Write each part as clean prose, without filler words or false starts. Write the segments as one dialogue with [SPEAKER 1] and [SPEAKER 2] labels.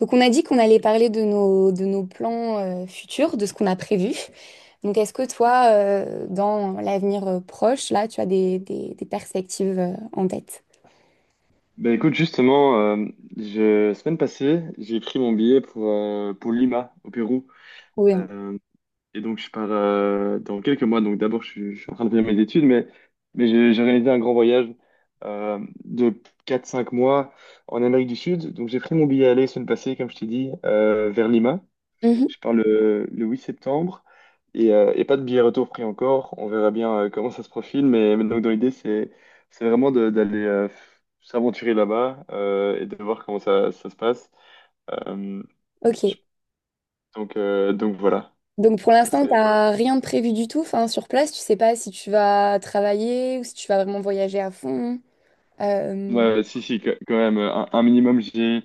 [SPEAKER 1] Donc on a dit qu'on allait parler de nos plans futurs, de ce qu'on a prévu. Donc est-ce que toi, dans l'avenir proche, là, tu as des perspectives en tête?
[SPEAKER 2] Ben écoute, justement, semaine passée, j'ai pris mon billet pour Lima, au Pérou.
[SPEAKER 1] Oui, hein.
[SPEAKER 2] Euh, et donc, je pars dans quelques mois. Donc, d'abord, je suis en train de finir mes études, mais j'ai réalisé un grand voyage euh, de quatre cinq mois en Amérique du Sud. Donc, j'ai pris mon billet aller semaine passée, comme je t'ai dit, vers Lima.
[SPEAKER 1] Mhm.
[SPEAKER 2] Je pars le 8 septembre et pas de billet retour pris encore. On verra bien comment ça se profile, mais donc dans l'idée, c'est vraiment d'aller s'aventurer là-bas et de voir comment ça se passe. Euh, je-
[SPEAKER 1] Ok.
[SPEAKER 2] donc, voilà.
[SPEAKER 1] Donc pour
[SPEAKER 2] Ça
[SPEAKER 1] l'instant, tu
[SPEAKER 2] serait...
[SPEAKER 1] n'as rien de prévu du tout. Enfin, sur place, tu sais pas si tu vas travailler ou si tu vas vraiment voyager à fond. Euh,
[SPEAKER 2] Ouais, ouais, si, si, quand même, un minimum, j'y ai...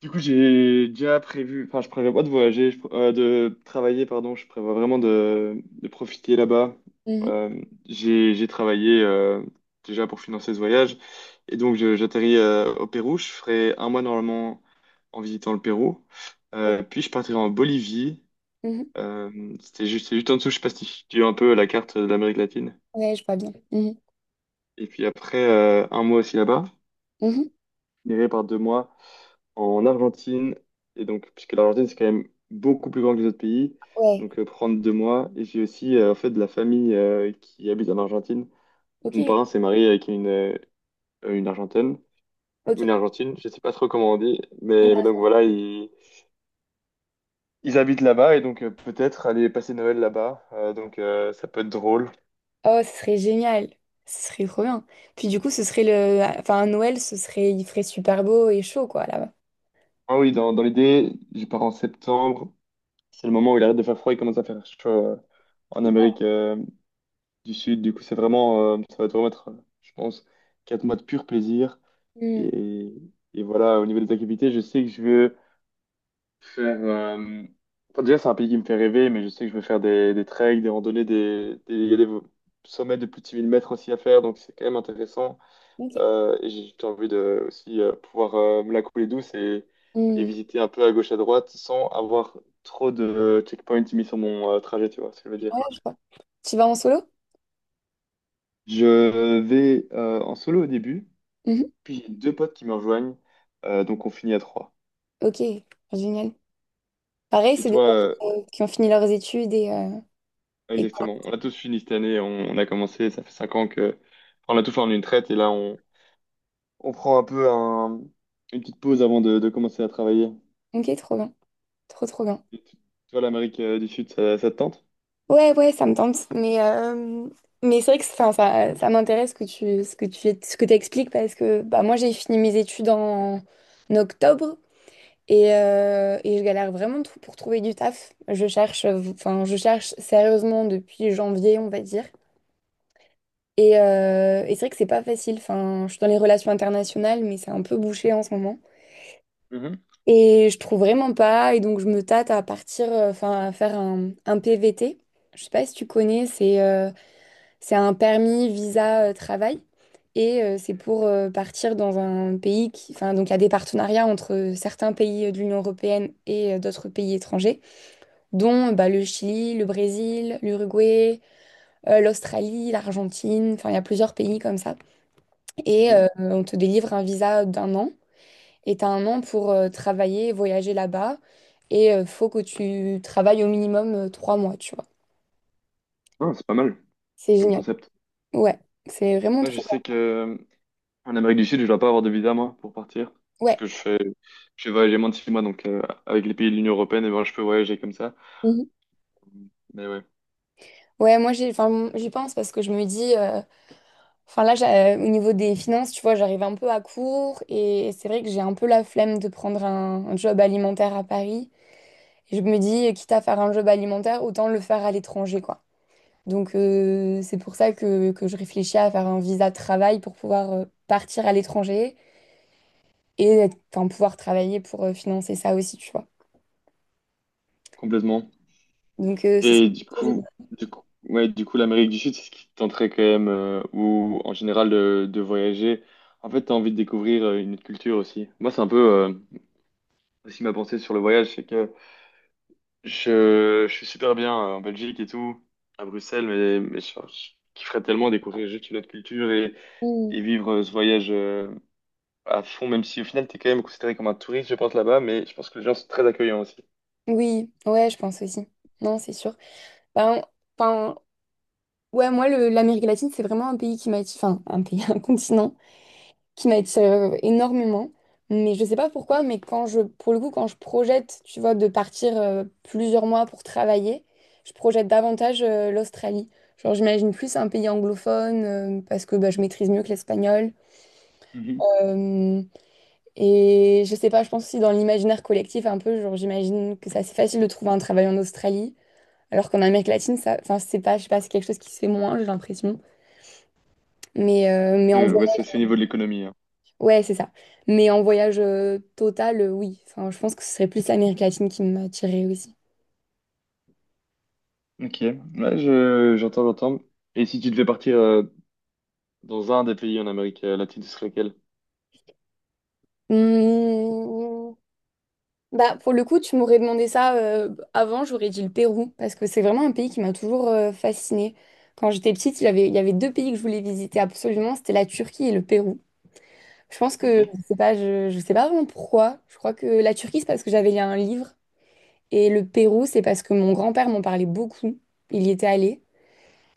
[SPEAKER 2] Du coup, j'ai déjà prévu, enfin, je prévois pas de voyager, de travailler, pardon, je prévois vraiment de profiter là-bas.
[SPEAKER 1] mhm.
[SPEAKER 2] J'ai travaillé déjà pour financer ce voyage, et donc j'atterris au Pérou, je ferai un mois normalement en visitant le Pérou.
[SPEAKER 1] Ok.
[SPEAKER 2] Puis je partirai en Bolivie.
[SPEAKER 1] Mhm.
[SPEAKER 2] C'est juste en dessous, je sais pas si tu as un peu la carte de l'Amérique latine,
[SPEAKER 1] Ouais, je vois bien. Mhm.
[SPEAKER 2] et puis après un mois aussi là-bas,
[SPEAKER 1] Mhm.
[SPEAKER 2] je finirai par 2 mois en Argentine. Et donc, puisque l'Argentine, c'est quand même beaucoup plus grand que les autres pays,
[SPEAKER 1] Ouais.
[SPEAKER 2] donc prendre 2 mois. Et j'ai aussi en fait de la famille qui habite en Argentine.
[SPEAKER 1] Ok.
[SPEAKER 2] Mon parrain s'est marié avec une Argentine,
[SPEAKER 1] Ok.
[SPEAKER 2] je sais pas trop comment on dit, mais donc voilà, ils habitent là-bas et donc peut-être aller passer Noël là-bas. Donc, ça peut être drôle.
[SPEAKER 1] Oh, ce serait génial. Ce serait trop bien. Puis du coup, ce serait le... Enfin, à Noël, ce serait... Il ferait super beau et chaud, quoi, là-bas.
[SPEAKER 2] Ah oui, dans l'idée, je pars en septembre. C'est le moment où il arrête de faire froid, et commence à faire chaud en Amérique. Du Sud. Du coup, c'est vraiment, ça va te remettre, je pense, 4 mois de pur plaisir.
[SPEAKER 1] Hmm.
[SPEAKER 2] Et, et voilà, au niveau des activités, je sais que je veux faire. Enfin, déjà, c'est un pays qui me fait rêver, mais je sais que je veux faire des treks, des randonnées, il y a des sommets de plus de 6 000 mètres aussi à faire, donc c'est quand même intéressant.
[SPEAKER 1] Ok.
[SPEAKER 2] Et J'ai envie de aussi pouvoir me la couler douce et
[SPEAKER 1] Hmm,
[SPEAKER 2] visiter un peu à gauche à droite sans avoir trop de checkpoints mis sur mon trajet, tu vois ce que je veux
[SPEAKER 1] ouais,
[SPEAKER 2] dire.
[SPEAKER 1] je vois. Tu vas en solo?
[SPEAKER 2] Je vais en solo au début.
[SPEAKER 1] Mhm.
[SPEAKER 2] Puis j'ai deux potes qui me rejoignent, donc on finit à trois.
[SPEAKER 1] Ok. Génial. Pareil,
[SPEAKER 2] Et
[SPEAKER 1] c'est des
[SPEAKER 2] toi,
[SPEAKER 1] personnes qui ont fini leurs études et...
[SPEAKER 2] exactement, on a tous fini cette année, on a commencé, ça fait 5 ans que enfin, on a tout fait en une traite, et là on prend un peu une petite pause avant de commencer à travailler.
[SPEAKER 1] Ok, trop bien. Trop, trop bien.
[SPEAKER 2] Et toi, l'Amérique du Sud, ça te tente?
[SPEAKER 1] Ouais, ouais, ça me tente. Mais c'est vrai que enfin, ça m'intéresse que ce que t'expliques parce que bah, moi, j'ai fini mes études en octobre. Et je galère vraiment pour trouver du taf. Je cherche, enfin, je cherche sérieusement depuis janvier, on va dire. Et c'est vrai que c'est pas facile. Enfin, je suis dans les relations internationales, mais c'est un peu bouché en ce moment.
[SPEAKER 2] Mhm,
[SPEAKER 1] Et je trouve vraiment pas. Et donc, je me tâte à partir, enfin, à faire un PVT. Je sais pas si tu connais, c'est un permis visa travail. Et c'est pour partir dans un pays qui. Enfin, donc, il y a des partenariats entre certains pays de l'Union européenne et d'autres pays étrangers. Dont bah, le Chili, le Brésil, l'Uruguay, l'Australie, l'Argentine, enfin il y a plusieurs pays comme ça. Et
[SPEAKER 2] mhm.
[SPEAKER 1] on te délivre un visa d'un an et tu as un an pour travailler, voyager là-bas et faut que tu travailles au minimum trois mois, tu vois.
[SPEAKER 2] Non, c'est pas mal
[SPEAKER 1] C'est
[SPEAKER 2] comme
[SPEAKER 1] génial.
[SPEAKER 2] concept.
[SPEAKER 1] Ouais, c'est vraiment
[SPEAKER 2] Moi, je
[SPEAKER 1] trop
[SPEAKER 2] sais
[SPEAKER 1] bien.
[SPEAKER 2] que en Amérique du Sud, je dois pas avoir de visa moi pour partir, parce
[SPEAKER 1] Ouais.
[SPEAKER 2] que je vais voyager moins de 6 mois, donc avec les pays de l'Union européenne, et ben, je peux voyager comme ça.
[SPEAKER 1] Mhm.
[SPEAKER 2] Mais ouais,
[SPEAKER 1] Ouais, moi j'ai, enfin j'y pense parce que je me dis, enfin au niveau des finances, tu vois, j'arrive un peu à court et c'est vrai que j'ai un peu la flemme de prendre un job alimentaire à Paris. Et je me dis, quitte à faire un job alimentaire, autant le faire à l'étranger, quoi. Donc, c'est pour ça que je réfléchis à faire un visa de travail pour pouvoir partir à l'étranger enfin, pouvoir travailler pour financer ça aussi, tu vois.
[SPEAKER 2] complètement.
[SPEAKER 1] Donc, ce serait
[SPEAKER 2] Et du
[SPEAKER 1] plutôt
[SPEAKER 2] coup,
[SPEAKER 1] génial.
[SPEAKER 2] du coup, ouais, du coup, l'Amérique du Sud, c'est ce qui te tenterait quand même, ou en général de voyager. En fait, t'as envie de découvrir une autre culture aussi. Moi, c'est un peu euh, aussi ma pensée sur le voyage, c'est que je suis super bien en Belgique et tout, à Bruxelles, mais je kifferais tellement découvrir juste une autre culture et,
[SPEAKER 1] Mm.
[SPEAKER 2] et vivre ce voyage à fond, même si au final, t'es quand même considéré comme un touriste, je pense, là-bas, mais je pense que les gens sont très accueillants aussi.
[SPEAKER 1] Oui, ouais, je pense aussi. Non, c'est sûr. Ben, enfin, ouais, moi, l'Amérique latine, c'est vraiment un pays qui m'attire, enfin, un pays, un continent qui m'attire énormément. Mais je sais pas pourquoi, mais pour le coup, quand je projette, tu vois, de partir plusieurs mois pour travailler, je projette davantage l'Australie. Genre, j'imagine plus un pays anglophone parce que bah, je maîtrise mieux que l'espagnol.
[SPEAKER 2] Mhm.
[SPEAKER 1] Euh, et je sais pas, je pense aussi dans l'imaginaire collectif un peu, genre, j'imagine que c'est assez facile de trouver un travail en Australie, alors qu'en Amérique latine, ça, enfin, c'est pas, je sais pas, c'est quelque chose qui se fait moins, j'ai l'impression. Mais en...
[SPEAKER 2] Ouais, ça, c'est au niveau de l'économie, hein.
[SPEAKER 1] Ouais, c'est ça. Mais en voyage total, oui. Enfin, je pense que ce serait plus l'Amérique latine qui m'attirait aussi.
[SPEAKER 2] Ok, ouais, j'entends, j'entends. Et si tu devais partir dans un des pays en Amérique latine, ce serait lequel?
[SPEAKER 1] Mmh. Bah, pour le coup, tu m'aurais demandé ça avant, j'aurais dit le Pérou, parce que c'est vraiment un pays qui m'a toujours fascinée. Quand j'étais petite, il y avait deux pays que je voulais visiter absolument, c'était la Turquie et le Pérou. Je pense
[SPEAKER 2] Ok,
[SPEAKER 1] que, je sais pas, je sais pas vraiment pourquoi. Je crois que la Turquie, c'est parce que j'avais lu un livre, et le Pérou, c'est parce que mon grand-père m'en parlait beaucoup. Il y était allé.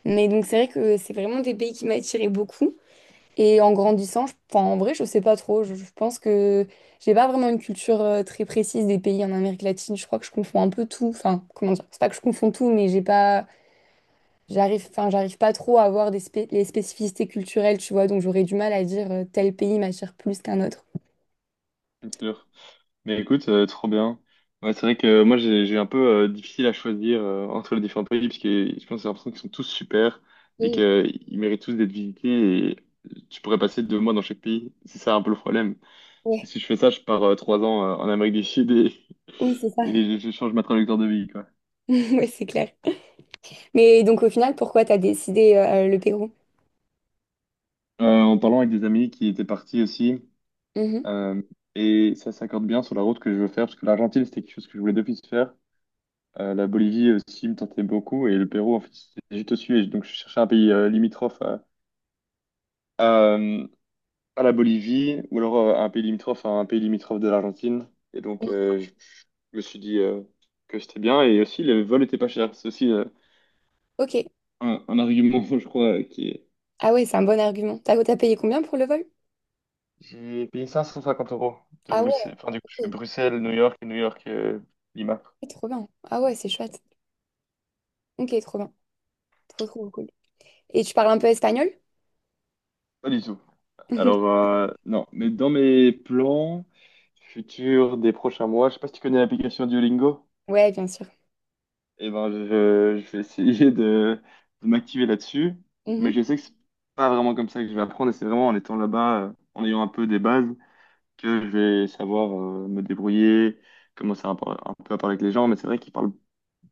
[SPEAKER 1] Mais donc, c'est vrai que c'est vraiment des pays qui m'attiraient beaucoup. Et en grandissant, enfin, en vrai, je sais pas trop. Je pense que j'ai pas vraiment une culture très précise des pays en Amérique latine. Je crois que je confonds un peu tout. Enfin, comment dire? C'est pas que je confonds tout, mais j'ai pas, enfin, j'arrive pas trop à voir des les spécificités culturelles, tu vois. Donc j'aurais du mal à dire tel pays m'attire plus qu'un autre.
[SPEAKER 2] c'est sûr. Mais écoute, trop bien. Ouais, c'est vrai que moi, j'ai un peu difficile à choisir entre les différents pays, parce que je pense que j'ai l'impression qu'ils sont tous super et
[SPEAKER 1] Mm,
[SPEAKER 2] qu'ils méritent tous d'être visités et tu pourrais passer 2 mois dans chaque pays. C'est ça un peu le problème. Parce que
[SPEAKER 1] ouais.
[SPEAKER 2] si je fais ça, je pars 3 ans en Amérique du Sud et,
[SPEAKER 1] Oui, c'est ça.
[SPEAKER 2] et je change ma trajectoire de vie, quoi.
[SPEAKER 1] Ouais, c'est clair. Mais donc au final, pourquoi t'as décidé le Pérou?
[SPEAKER 2] En parlant avec des amis qui étaient partis aussi,
[SPEAKER 1] Mhm.
[SPEAKER 2] Euh, et ça s'accorde bien sur la route que je veux faire, parce que l'Argentine, c'était quelque chose que je voulais depuis faire. La Bolivie aussi me tentait beaucoup, et le Pérou, en fait, c'était juste au-dessus. Et donc, je cherchais un pays limitrophe à, euh, à la Bolivie, ou alors un pays limitrophe à un pays limitrophe de l'Argentine. Et donc, je me suis dit que c'était bien, et aussi, le vol était pas cher. C'est aussi
[SPEAKER 1] Ok.
[SPEAKER 2] un argument, je crois, qui est...
[SPEAKER 1] Ah ouais, c'est un bon argument. T'as payé combien pour le vol?
[SPEAKER 2] J'ai payé 550 euros de
[SPEAKER 1] Ah ouais,
[SPEAKER 2] Bruxelles. Enfin, du coup, je fais
[SPEAKER 1] ok.
[SPEAKER 2] Bruxelles, New York, et New York, Lima.
[SPEAKER 1] Trop bien. Ah ouais, c'est chouette. Ok, trop bien. Trop, trop cool. Et tu parles un peu espagnol?
[SPEAKER 2] Pas du tout. Alors, non, mais dans mes plans futurs des prochains mois, je sais pas si tu connais l'application Duolingo,
[SPEAKER 1] Ouais, bien sûr.
[SPEAKER 2] et ben je vais essayer de m'activer là-dessus, mais
[SPEAKER 1] Mhm.
[SPEAKER 2] je sais que c'est pas vraiment comme ça que je vais apprendre, et c'est vraiment en étant là-bas, en ayant un peu des bases, que je vais savoir me débrouiller, commencer un peu à parler avec les gens, mais c'est vrai qu'ils parlent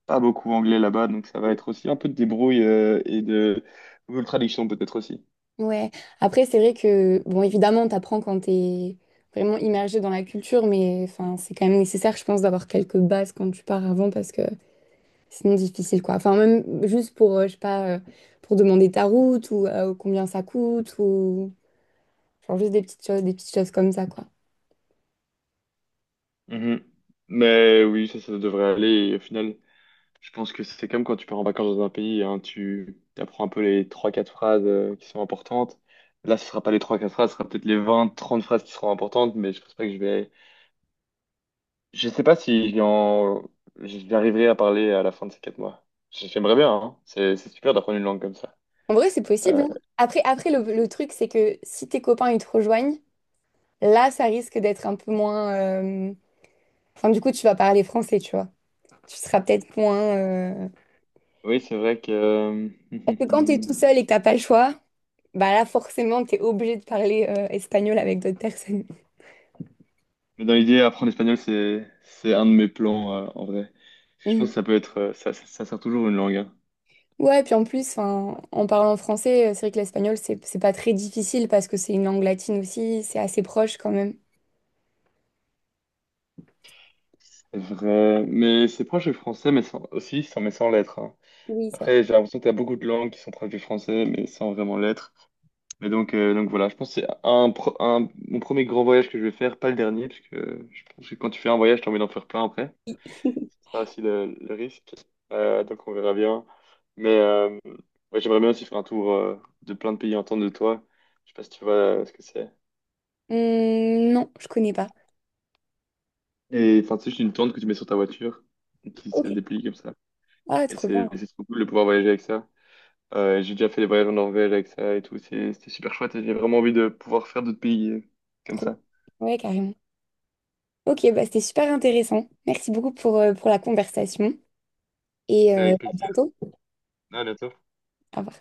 [SPEAKER 2] pas beaucoup anglais là-bas, donc ça va être aussi un peu de débrouille et de Google Traduction peut-être aussi.
[SPEAKER 1] Ouais. Après, c'est vrai que, bon, évidemment, t'apprends quand t'es vraiment immergé dans la culture, mais enfin, c'est quand même nécessaire, je pense, d'avoir quelques bases quand tu pars avant parce que sinon, difficile, quoi. Enfin, même juste pour, je sais pas, pour demander ta route ou combien ça coûte ou genre juste des petites choses comme ça, quoi.
[SPEAKER 2] Mhm. Mais oui, ça devrait aller. Et au final, je pense que c'est comme quand tu pars en vacances dans un pays, hein, tu apprends un peu les trois quatre phrases qui sont importantes. Là, ce sera pas les trois quatre phrases, ce sera peut-être les vingt trente phrases qui seront importantes, mais je pense pas que je vais... Je sais pas si j'y en... j'arriverai à parler à la fin de ces 4 mois. J'aimerais bien, hein. C'est super d'apprendre une langue comme ça.
[SPEAKER 1] En vrai, c'est possible,
[SPEAKER 2] Euh,
[SPEAKER 1] hein. Après, après le truc, c'est que si tes copains, ils te rejoignent, là, ça risque d'être un peu moins... Enfin, du coup, tu vas parler français, tu vois. Tu seras peut-être moins...
[SPEAKER 2] oui, c'est vrai que...
[SPEAKER 1] Parce que quand t'es tout seul et que t'as pas le choix, bah là, forcément, t'es obligé de parler espagnol avec d'autres personnes.
[SPEAKER 2] Mais dans l'idée, apprendre l'espagnol, c'est un de mes plans, en vrai. Parce que je pense
[SPEAKER 1] Mhm.
[SPEAKER 2] que ça peut être... Ça, ça sert toujours une langue, hein.
[SPEAKER 1] Ouais, puis en plus, enfin, en parlant français, c'est vrai que l'espagnol, c'est pas très difficile parce que c'est une langue latine aussi, c'est assez proche quand même.
[SPEAKER 2] Vrai. Mais c'est proche du français, mais aussi sans, mais sans l'être, hein.
[SPEAKER 1] Oui, c'est
[SPEAKER 2] Après, j'ai l'impression que tu as beaucoup de langues qui sont proches du français, mais sans vraiment l'être. Mais donc, voilà, je pense que c'est mon premier grand voyage que je vais faire, pas le dernier, parce que je pense que quand tu fais un voyage, tu as envie d'en faire plein après.
[SPEAKER 1] vrai.
[SPEAKER 2] C'est ça aussi le risque. Donc on verra bien. Mais ouais, j'aimerais bien aussi faire un tour de plein de pays en tente de toi. Je sais pas si tu vois ce que c'est.
[SPEAKER 1] Non, je connais pas.
[SPEAKER 2] Et enfin, c'est juste une tente que tu mets sur ta voiture, et qui se
[SPEAKER 1] Ok.
[SPEAKER 2] déplie comme ça.
[SPEAKER 1] Ah,
[SPEAKER 2] Et
[SPEAKER 1] trop bien.
[SPEAKER 2] c'est trop cool de pouvoir voyager avec ça. J'ai déjà fait des voyages en Norvège avec ça et tout. C'était super chouette et j'ai vraiment envie de pouvoir faire d'autres pays comme
[SPEAKER 1] Trop.
[SPEAKER 2] ça.
[SPEAKER 1] Ouais, carrément. Ok, bah c'était super intéressant. Merci beaucoup pour la conversation et
[SPEAKER 2] Mais avec
[SPEAKER 1] à
[SPEAKER 2] plaisir.
[SPEAKER 1] bientôt.
[SPEAKER 2] À bientôt.
[SPEAKER 1] Au revoir.